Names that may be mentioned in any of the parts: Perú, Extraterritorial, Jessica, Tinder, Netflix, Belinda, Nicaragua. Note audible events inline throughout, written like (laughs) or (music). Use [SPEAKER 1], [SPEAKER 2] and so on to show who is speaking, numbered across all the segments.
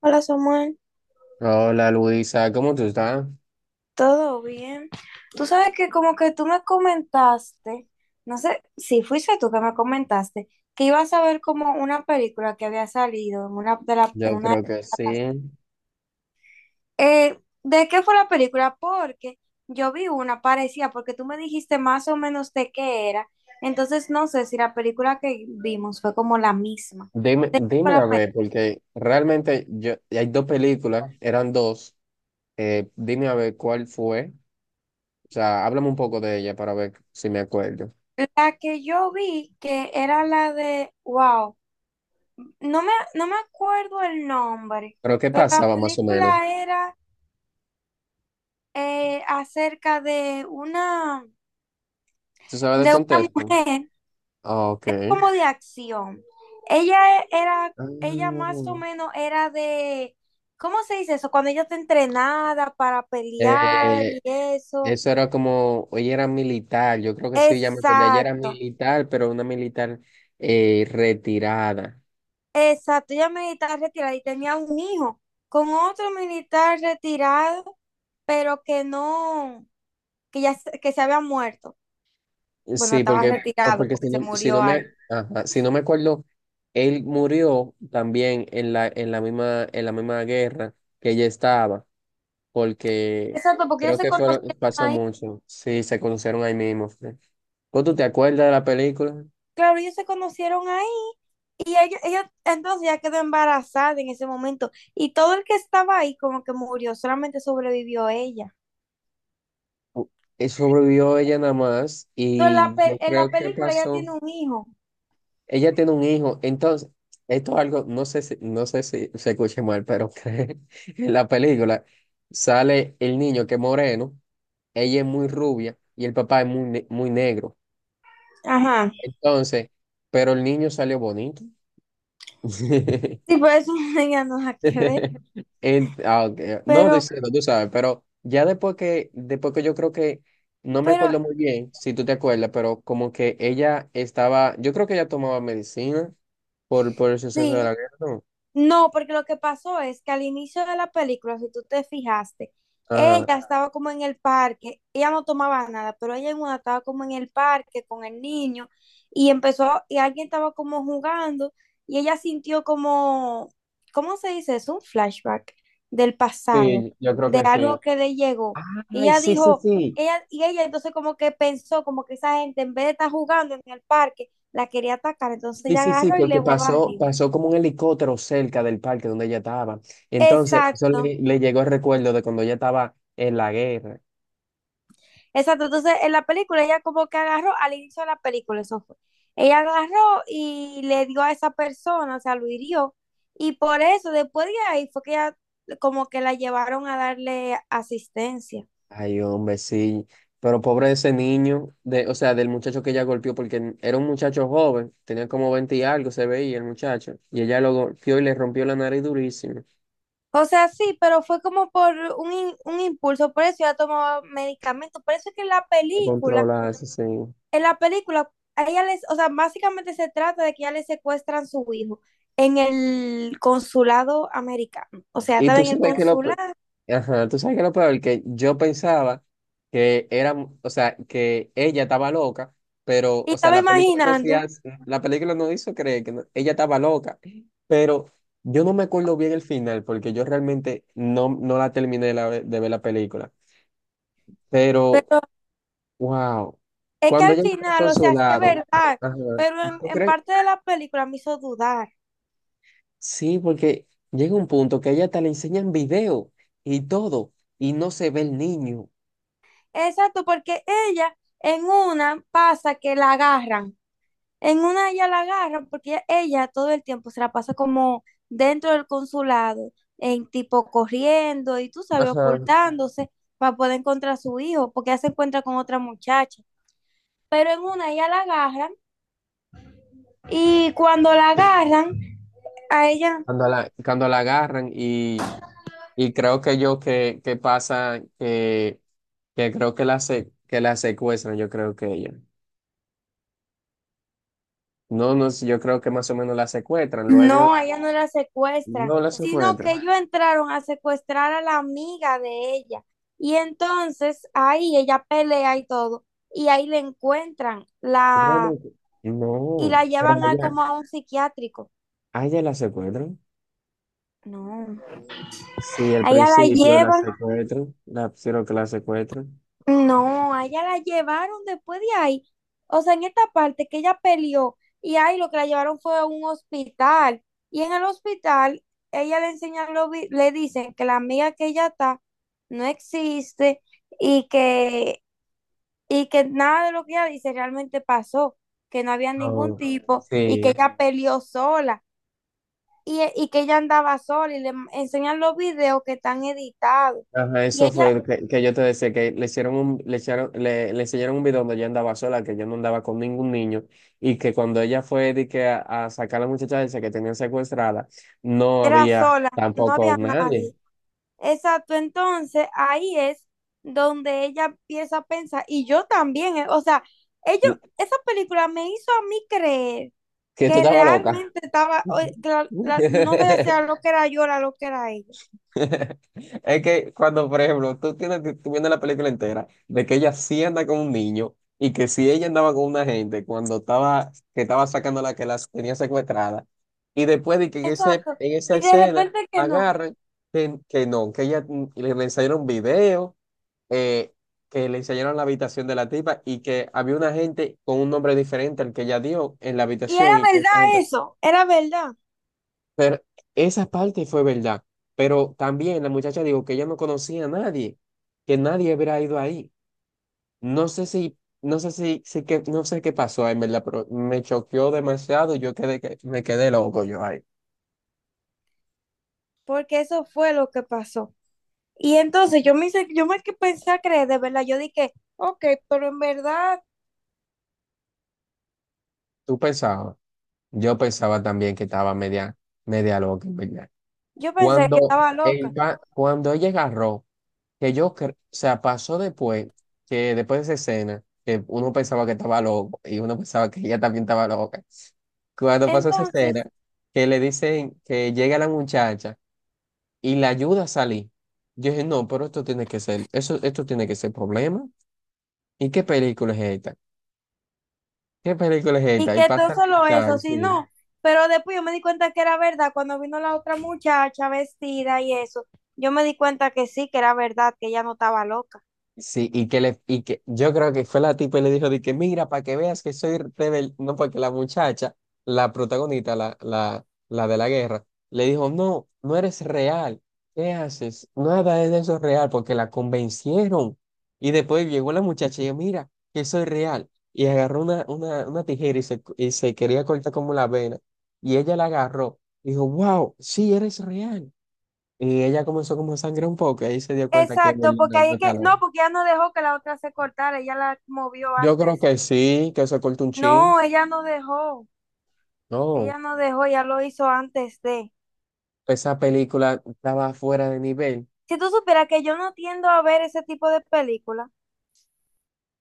[SPEAKER 1] Hola Samuel,
[SPEAKER 2] Hola Luisa, ¿cómo tú estás?
[SPEAKER 1] ¿todo bien? Tú sabes que como que tú me comentaste, no sé si fuiste tú que me comentaste, que ibas a ver como una película que había salido en una de la,
[SPEAKER 2] Yo
[SPEAKER 1] en una
[SPEAKER 2] creo que sí.
[SPEAKER 1] eh, ¿de qué fue la película? Porque yo vi una parecida, porque tú me dijiste más o menos de qué era, entonces no sé si la película que vimos fue como la misma.
[SPEAKER 2] Dime,
[SPEAKER 1] ¿De qué fue
[SPEAKER 2] dime
[SPEAKER 1] la
[SPEAKER 2] a ver,
[SPEAKER 1] película?
[SPEAKER 2] porque realmente yo, hay dos películas, eran dos. Dime a ver cuál fue. O sea, háblame un poco de ella para ver si me acuerdo.
[SPEAKER 1] La que yo vi, que era la de, wow. No me acuerdo el nombre,
[SPEAKER 2] Pero ¿qué
[SPEAKER 1] pero la
[SPEAKER 2] pasaba más o menos?
[SPEAKER 1] película era eh, acerca
[SPEAKER 2] ¿Tú sabes del
[SPEAKER 1] de una
[SPEAKER 2] contexto?
[SPEAKER 1] mujer
[SPEAKER 2] Ah, ok.
[SPEAKER 1] como de acción. Ella e- era,
[SPEAKER 2] Ah,
[SPEAKER 1] ella más o menos era de, ¿cómo se dice eso? Cuando ella está entrenada para pelear y
[SPEAKER 2] eh,
[SPEAKER 1] eso.
[SPEAKER 2] eso era como, ella era militar, yo creo que sí, ya me acuerdo. Ella era
[SPEAKER 1] Exacto,
[SPEAKER 2] militar, pero una militar retirada.
[SPEAKER 1] exacto. Ella militar retirada y tenía un hijo con otro militar retirado, pero que no, que se había muerto. Bueno,
[SPEAKER 2] Sí,
[SPEAKER 1] estaba
[SPEAKER 2] porque, no,
[SPEAKER 1] retirado
[SPEAKER 2] porque
[SPEAKER 1] porque
[SPEAKER 2] si
[SPEAKER 1] se
[SPEAKER 2] no, si no
[SPEAKER 1] murió ahí.
[SPEAKER 2] me, ajá, si no me acuerdo, él murió también en la, en la misma guerra que ella estaba, porque
[SPEAKER 1] Exacto, porque ellos
[SPEAKER 2] creo
[SPEAKER 1] se
[SPEAKER 2] que fueron,
[SPEAKER 1] conocieron
[SPEAKER 2] pasa
[SPEAKER 1] ahí.
[SPEAKER 2] mucho. Sí, se conocieron ahí mismo. ¿Vos tú te acuerdas de la película?
[SPEAKER 1] Claro, ellos se conocieron ahí y entonces ya quedó embarazada en ese momento y todo el que estaba ahí como que murió, solamente sobrevivió ella.
[SPEAKER 2] U- Sobrevivió ella nada más
[SPEAKER 1] Entonces
[SPEAKER 2] y
[SPEAKER 1] la
[SPEAKER 2] yo
[SPEAKER 1] pe- en la
[SPEAKER 2] creo que
[SPEAKER 1] película ella
[SPEAKER 2] pasó.
[SPEAKER 1] tiene un hijo.
[SPEAKER 2] Ella tiene un hijo, entonces, esto es algo, no sé si se escuche mal, pero (laughs) que en la película sale el niño que es moreno, ella es muy rubia y el papá es muy negro.
[SPEAKER 1] Ajá.
[SPEAKER 2] Entonces, pero el niño salió bonito. (laughs)
[SPEAKER 1] Sí, por eso (laughs) ella no la que ver.
[SPEAKER 2] Ah, ok, no
[SPEAKER 1] Pero,
[SPEAKER 2] diciendo, tú sabes, pero ya después que yo creo que, no me
[SPEAKER 1] pero
[SPEAKER 2] acuerdo muy bien, si tú te acuerdas, pero como que ella estaba, yo creo que ella tomaba medicina por el suceso de
[SPEAKER 1] sí,
[SPEAKER 2] la guerra, ¿no?
[SPEAKER 1] no, porque lo que pasó es que al inicio de la película, si tú te fijaste,
[SPEAKER 2] Ajá.
[SPEAKER 1] ella estaba como en el parque, ella no tomaba nada, pero ella en una estaba como en el parque con el niño y empezó, y alguien estaba como jugando y ella sintió como, ¿cómo se dice? Es un flashback del pasado,
[SPEAKER 2] Sí, yo creo
[SPEAKER 1] de
[SPEAKER 2] que
[SPEAKER 1] algo
[SPEAKER 2] sí.
[SPEAKER 1] que le llegó. Y
[SPEAKER 2] Ay,
[SPEAKER 1] ella
[SPEAKER 2] sí, sí,
[SPEAKER 1] dijo,
[SPEAKER 2] sí.
[SPEAKER 1] ella entonces como que pensó como que esa gente en vez de estar jugando en el parque, la quería atacar, entonces
[SPEAKER 2] Sí,
[SPEAKER 1] ella
[SPEAKER 2] sí, sí,
[SPEAKER 1] agarró y le
[SPEAKER 2] porque
[SPEAKER 1] voló
[SPEAKER 2] pasó,
[SPEAKER 1] arriba.
[SPEAKER 2] pasó como un helicóptero cerca del parque donde ella estaba. Entonces, eso
[SPEAKER 1] Exacto,
[SPEAKER 2] le llegó el recuerdo de cuando ella estaba en la guerra.
[SPEAKER 1] exacto. Entonces, en la película, ella como que agarró, al inicio de la película, eso fue. Ella agarró y le dio a esa persona, o sea, lo hirió. Y por eso, después de ahí, fue que ella como que la llevaron a darle asistencia.
[SPEAKER 2] Ay, hombre, sí. Pero pobre ese niño, o sea, del muchacho que ella golpeó, porque era un muchacho joven, tenía como 20 y algo, se veía el muchacho. Y ella lo golpeó y le rompió la nariz durísimo.
[SPEAKER 1] O sea, sí, pero fue como por un, un impulso, por eso ella tomaba medicamentos. Por eso es que en la
[SPEAKER 2] A
[SPEAKER 1] película
[SPEAKER 2] controlarse, sí. Sí.
[SPEAKER 1] en la película, a ella les, o sea, básicamente se trata de que ya le secuestran su hijo en el consulado americano. O sea,
[SPEAKER 2] Y
[SPEAKER 1] estaba
[SPEAKER 2] tú
[SPEAKER 1] en el
[SPEAKER 2] sabes que lo,
[SPEAKER 1] consulado
[SPEAKER 2] ajá, tú sabes que lo peor, que yo pensaba que era, o sea, que ella estaba loca, pero,
[SPEAKER 1] y
[SPEAKER 2] o sea,
[SPEAKER 1] estaba imaginando,
[SPEAKER 2] la película no hizo creer que ella estaba loca, pero yo no me acuerdo bien el final, porque yo realmente no la terminé de ver la película, pero,
[SPEAKER 1] pero
[SPEAKER 2] wow,
[SPEAKER 1] es que
[SPEAKER 2] cuando
[SPEAKER 1] al
[SPEAKER 2] ella está
[SPEAKER 1] final,
[SPEAKER 2] con
[SPEAKER 1] o sea,
[SPEAKER 2] su
[SPEAKER 1] sí es
[SPEAKER 2] lado,
[SPEAKER 1] verdad,
[SPEAKER 2] ajá,
[SPEAKER 1] pero en,
[SPEAKER 2] ¿tú
[SPEAKER 1] en
[SPEAKER 2] crees?
[SPEAKER 1] parte de la película me hizo dudar.
[SPEAKER 2] Sí, porque llega un punto que a ella hasta le enseñan video y todo, y no se ve el niño.
[SPEAKER 1] Exacto, porque ella en una pasa que la agarran. En una ella la agarran porque ella todo el tiempo se la pasa como dentro del consulado, en tipo corriendo y tú sabes,
[SPEAKER 2] Ajá,
[SPEAKER 1] ocultándose para poder encontrar a su hijo, porque ella se encuentra con otra muchacha. Pero en una ella la agarran y cuando la agarran, a ella
[SPEAKER 2] cuando la agarran y creo que yo que, que pasa que creo que que la secuestran, yo creo que ella. No, no, sé, yo creo que más o menos la secuestran, luego
[SPEAKER 1] no la secuestran,
[SPEAKER 2] no la
[SPEAKER 1] sino que
[SPEAKER 2] secuestran.
[SPEAKER 1] ellos entraron a secuestrar a la amiga de ella. Y entonces ahí ella pelea y todo, y ahí le encuentran
[SPEAKER 2] Yo creo
[SPEAKER 1] la
[SPEAKER 2] como que-
[SPEAKER 1] y
[SPEAKER 2] No,
[SPEAKER 1] la
[SPEAKER 2] pero
[SPEAKER 1] llevan a
[SPEAKER 2] allá,
[SPEAKER 1] como a un psiquiátrico.
[SPEAKER 2] allá la secuestran.
[SPEAKER 1] No,
[SPEAKER 2] Sí, al
[SPEAKER 1] a ella la
[SPEAKER 2] principio la
[SPEAKER 1] llevan,
[SPEAKER 2] secuestran, la, creo que la secuestran.
[SPEAKER 1] no, a ella la llevaron después de ahí. O sea, en esta parte que ella peleó y ahí lo que la llevaron fue a un hospital. Y en el hospital, ella le enseñan, le dicen que la amiga que ella está no existe y que, y que nada de lo que ella dice realmente pasó, que no había ningún
[SPEAKER 2] No,
[SPEAKER 1] tipo y que
[SPEAKER 2] sí.
[SPEAKER 1] ella peleó sola. Y, y que ella andaba sola y le enseñan los videos que están editados.
[SPEAKER 2] Ajá, eso fue
[SPEAKER 1] Ella
[SPEAKER 2] el que yo te decía, que le hicieron un, le echaron, le enseñaron un video donde ella andaba sola, que ella no andaba con ningún niño, y que cuando ella fue de que a sacar a la muchacha esa que tenían secuestrada, no
[SPEAKER 1] era
[SPEAKER 2] había
[SPEAKER 1] sola, no
[SPEAKER 2] tampoco
[SPEAKER 1] había
[SPEAKER 2] nadie.
[SPEAKER 1] nadie. Exacto, entonces ahí es donde ella empieza a pensar, y yo también, o sea, ellos, esa película me hizo a mí creer
[SPEAKER 2] Que tú
[SPEAKER 1] que
[SPEAKER 2] estabas loca.
[SPEAKER 1] realmente estaba, que no sabía si era
[SPEAKER 2] (laughs)
[SPEAKER 1] lo que era yo, era lo que era ella.
[SPEAKER 2] (laughs) Es que cuando, por ejemplo, tú viendo la película entera de que ella sí anda con un niño y que si ella andaba con una gente cuando estaba, que estaba sacando la que las tenía secuestrada y después de que en, ese,
[SPEAKER 1] Exacto,
[SPEAKER 2] en esa
[SPEAKER 1] y de
[SPEAKER 2] escena
[SPEAKER 1] repente que no.
[SPEAKER 2] agarran que no, que ella le enseñaron video, eh, que le enseñaron la habitación de la tipa y que había una gente con un nombre diferente al que ella dio en la
[SPEAKER 1] Y era
[SPEAKER 2] habitación y que
[SPEAKER 1] verdad eso, era verdad,
[SPEAKER 2] pero esa parte fue verdad. Pero también la muchacha dijo que ella no conocía a nadie, que nadie hubiera ido ahí. no sé si si que, no sé qué pasó, en verdad, pero me choqueó demasiado y yo quedé, me quedé loco yo ahí.
[SPEAKER 1] porque eso fue lo que pasó. Y entonces yo me hice, yo me que pensé a creer, de verdad, yo dije, ok, pero en verdad
[SPEAKER 2] ¿Tú pensabas? Yo pensaba también que estaba media, media loca, en verdad.
[SPEAKER 1] yo pensé que
[SPEAKER 2] Cuando,
[SPEAKER 1] estaba loca.
[SPEAKER 2] cuando ella agarró que o sea, pasó después, que después de esa escena, que uno pensaba que estaba loco y uno pensaba que ella también estaba loca. Cuando pasó esa
[SPEAKER 1] Entonces,
[SPEAKER 2] escena, que le dicen que llega la muchacha y la ayuda a salir. Yo dije, no, pero esto tiene que ser, eso, esto tiene que ser problema. ¿Y qué película es esta? ¿Qué película es
[SPEAKER 1] y
[SPEAKER 2] esta? Y
[SPEAKER 1] que todo
[SPEAKER 2] pasa la
[SPEAKER 1] solo
[SPEAKER 2] muchacha,
[SPEAKER 1] eso, si
[SPEAKER 2] sí.
[SPEAKER 1] no, pero después yo me di cuenta que era verdad, cuando vino la otra muchacha vestida y eso, yo me di cuenta que sí, que era verdad, que ella no estaba loca.
[SPEAKER 2] Sí, y que le, y que yo creo que fue la tipa y le dijo de que mira, para que veas que soy rebelde, no, porque la muchacha, la protagonista, la de la guerra, le dijo, no, no eres real, ¿qué haces? Nada de eso es real, porque la convencieron. Y después llegó la muchacha y dijo, mira, que soy real. Y agarró una tijera y y se quería cortar como la vena. Y ella la agarró, dijo, wow, sí, eres real. Y ella comenzó como a sangrar un poco, y ahí se dio cuenta que
[SPEAKER 1] Exacto, porque
[SPEAKER 2] Belinda
[SPEAKER 1] ahí
[SPEAKER 2] no
[SPEAKER 1] es que, no,
[SPEAKER 2] estaba.
[SPEAKER 1] porque ella no dejó que la otra se cortara, ella la movió
[SPEAKER 2] Yo creo
[SPEAKER 1] antes
[SPEAKER 2] que
[SPEAKER 1] de.
[SPEAKER 2] sí, que se corta un chin.
[SPEAKER 1] No, ella no dejó,
[SPEAKER 2] No,
[SPEAKER 1] ella no dejó, ella lo hizo antes de.
[SPEAKER 2] esa película estaba fuera de nivel,
[SPEAKER 1] Si tú supieras que yo no tiendo a ver ese tipo de película,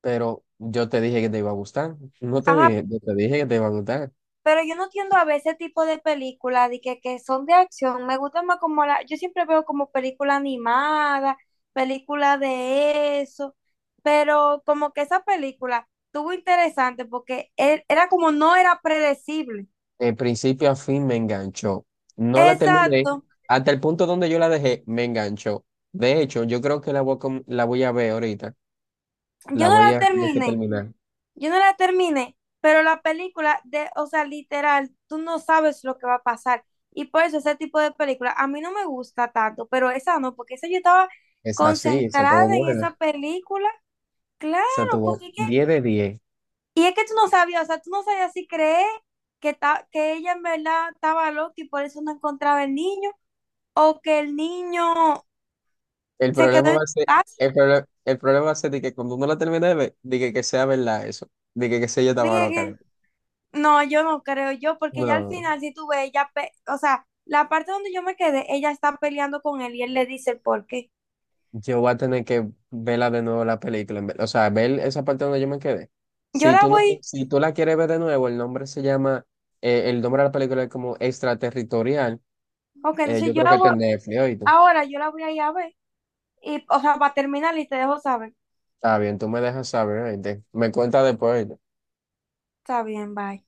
[SPEAKER 2] pero yo te dije que te iba a gustar. No te
[SPEAKER 1] ajá,
[SPEAKER 2] dije, yo te dije que te iba a gustar.
[SPEAKER 1] pero yo no tiendo a ver ese tipo de películas de que son de acción, me gusta más como la, yo siempre veo como película animada, película de eso, pero como que esa película estuvo interesante porque era como no era predecible.
[SPEAKER 2] De principio a fin me enganchó. No la terminé.
[SPEAKER 1] Exacto,
[SPEAKER 2] Hasta el punto donde yo la dejé, me enganchó. De hecho, yo creo que la voy a, la voy a ver ahorita.
[SPEAKER 1] yo
[SPEAKER 2] La
[SPEAKER 1] no
[SPEAKER 2] voy
[SPEAKER 1] la
[SPEAKER 2] a tener que
[SPEAKER 1] terminé.
[SPEAKER 2] terminar.
[SPEAKER 1] Yo no la terminé, pero la película de, o sea, literal, tú no sabes lo que va a pasar. Y por eso ese tipo de película a mí no me gusta tanto, pero esa no, porque esa yo estaba
[SPEAKER 2] Es así, se tuvo
[SPEAKER 1] concentrada en
[SPEAKER 2] buena.
[SPEAKER 1] esa película. Claro,
[SPEAKER 2] Se tuvo
[SPEAKER 1] porque es que,
[SPEAKER 2] 10 de 10.
[SPEAKER 1] y es que tú no sabías, o sea, tú no sabías si creer que, que ella en verdad estaba loca y por eso no encontraba el niño, o que el niño
[SPEAKER 2] El
[SPEAKER 1] se quedó
[SPEAKER 2] problema
[SPEAKER 1] en
[SPEAKER 2] va a
[SPEAKER 1] su
[SPEAKER 2] ser,
[SPEAKER 1] casa.
[SPEAKER 2] el problema va a ser de que cuando uno la termine de ver, de que sea verdad eso, de que sea yo estaba
[SPEAKER 1] Dije
[SPEAKER 2] loca.
[SPEAKER 1] que- No, yo no creo yo, porque ya al
[SPEAKER 2] No,
[SPEAKER 1] final, si tú ves, ella, o sea, la parte donde yo me quedé, ella está peleando con él y él le dice el por qué.
[SPEAKER 2] yo voy a tener que verla de nuevo la película, o sea, ver esa parte donde yo me quedé.
[SPEAKER 1] Yo
[SPEAKER 2] Si
[SPEAKER 1] la
[SPEAKER 2] tú no,
[SPEAKER 1] voy,
[SPEAKER 2] si tú la quieres ver de nuevo, el nombre se llama, el nombre de la película es como Extraterritorial,
[SPEAKER 1] ok, entonces
[SPEAKER 2] yo
[SPEAKER 1] yo
[SPEAKER 2] creo
[SPEAKER 1] la
[SPEAKER 2] que está
[SPEAKER 1] voy,
[SPEAKER 2] en Netflix, ¿oíste?
[SPEAKER 1] ahora yo la voy a ir a ver, y, o sea, para terminar y te dejo saber.
[SPEAKER 2] Está bien, tú me dejas saber, ¿oíste? Me cuenta después, ¿oíste?
[SPEAKER 1] Está bien, bye.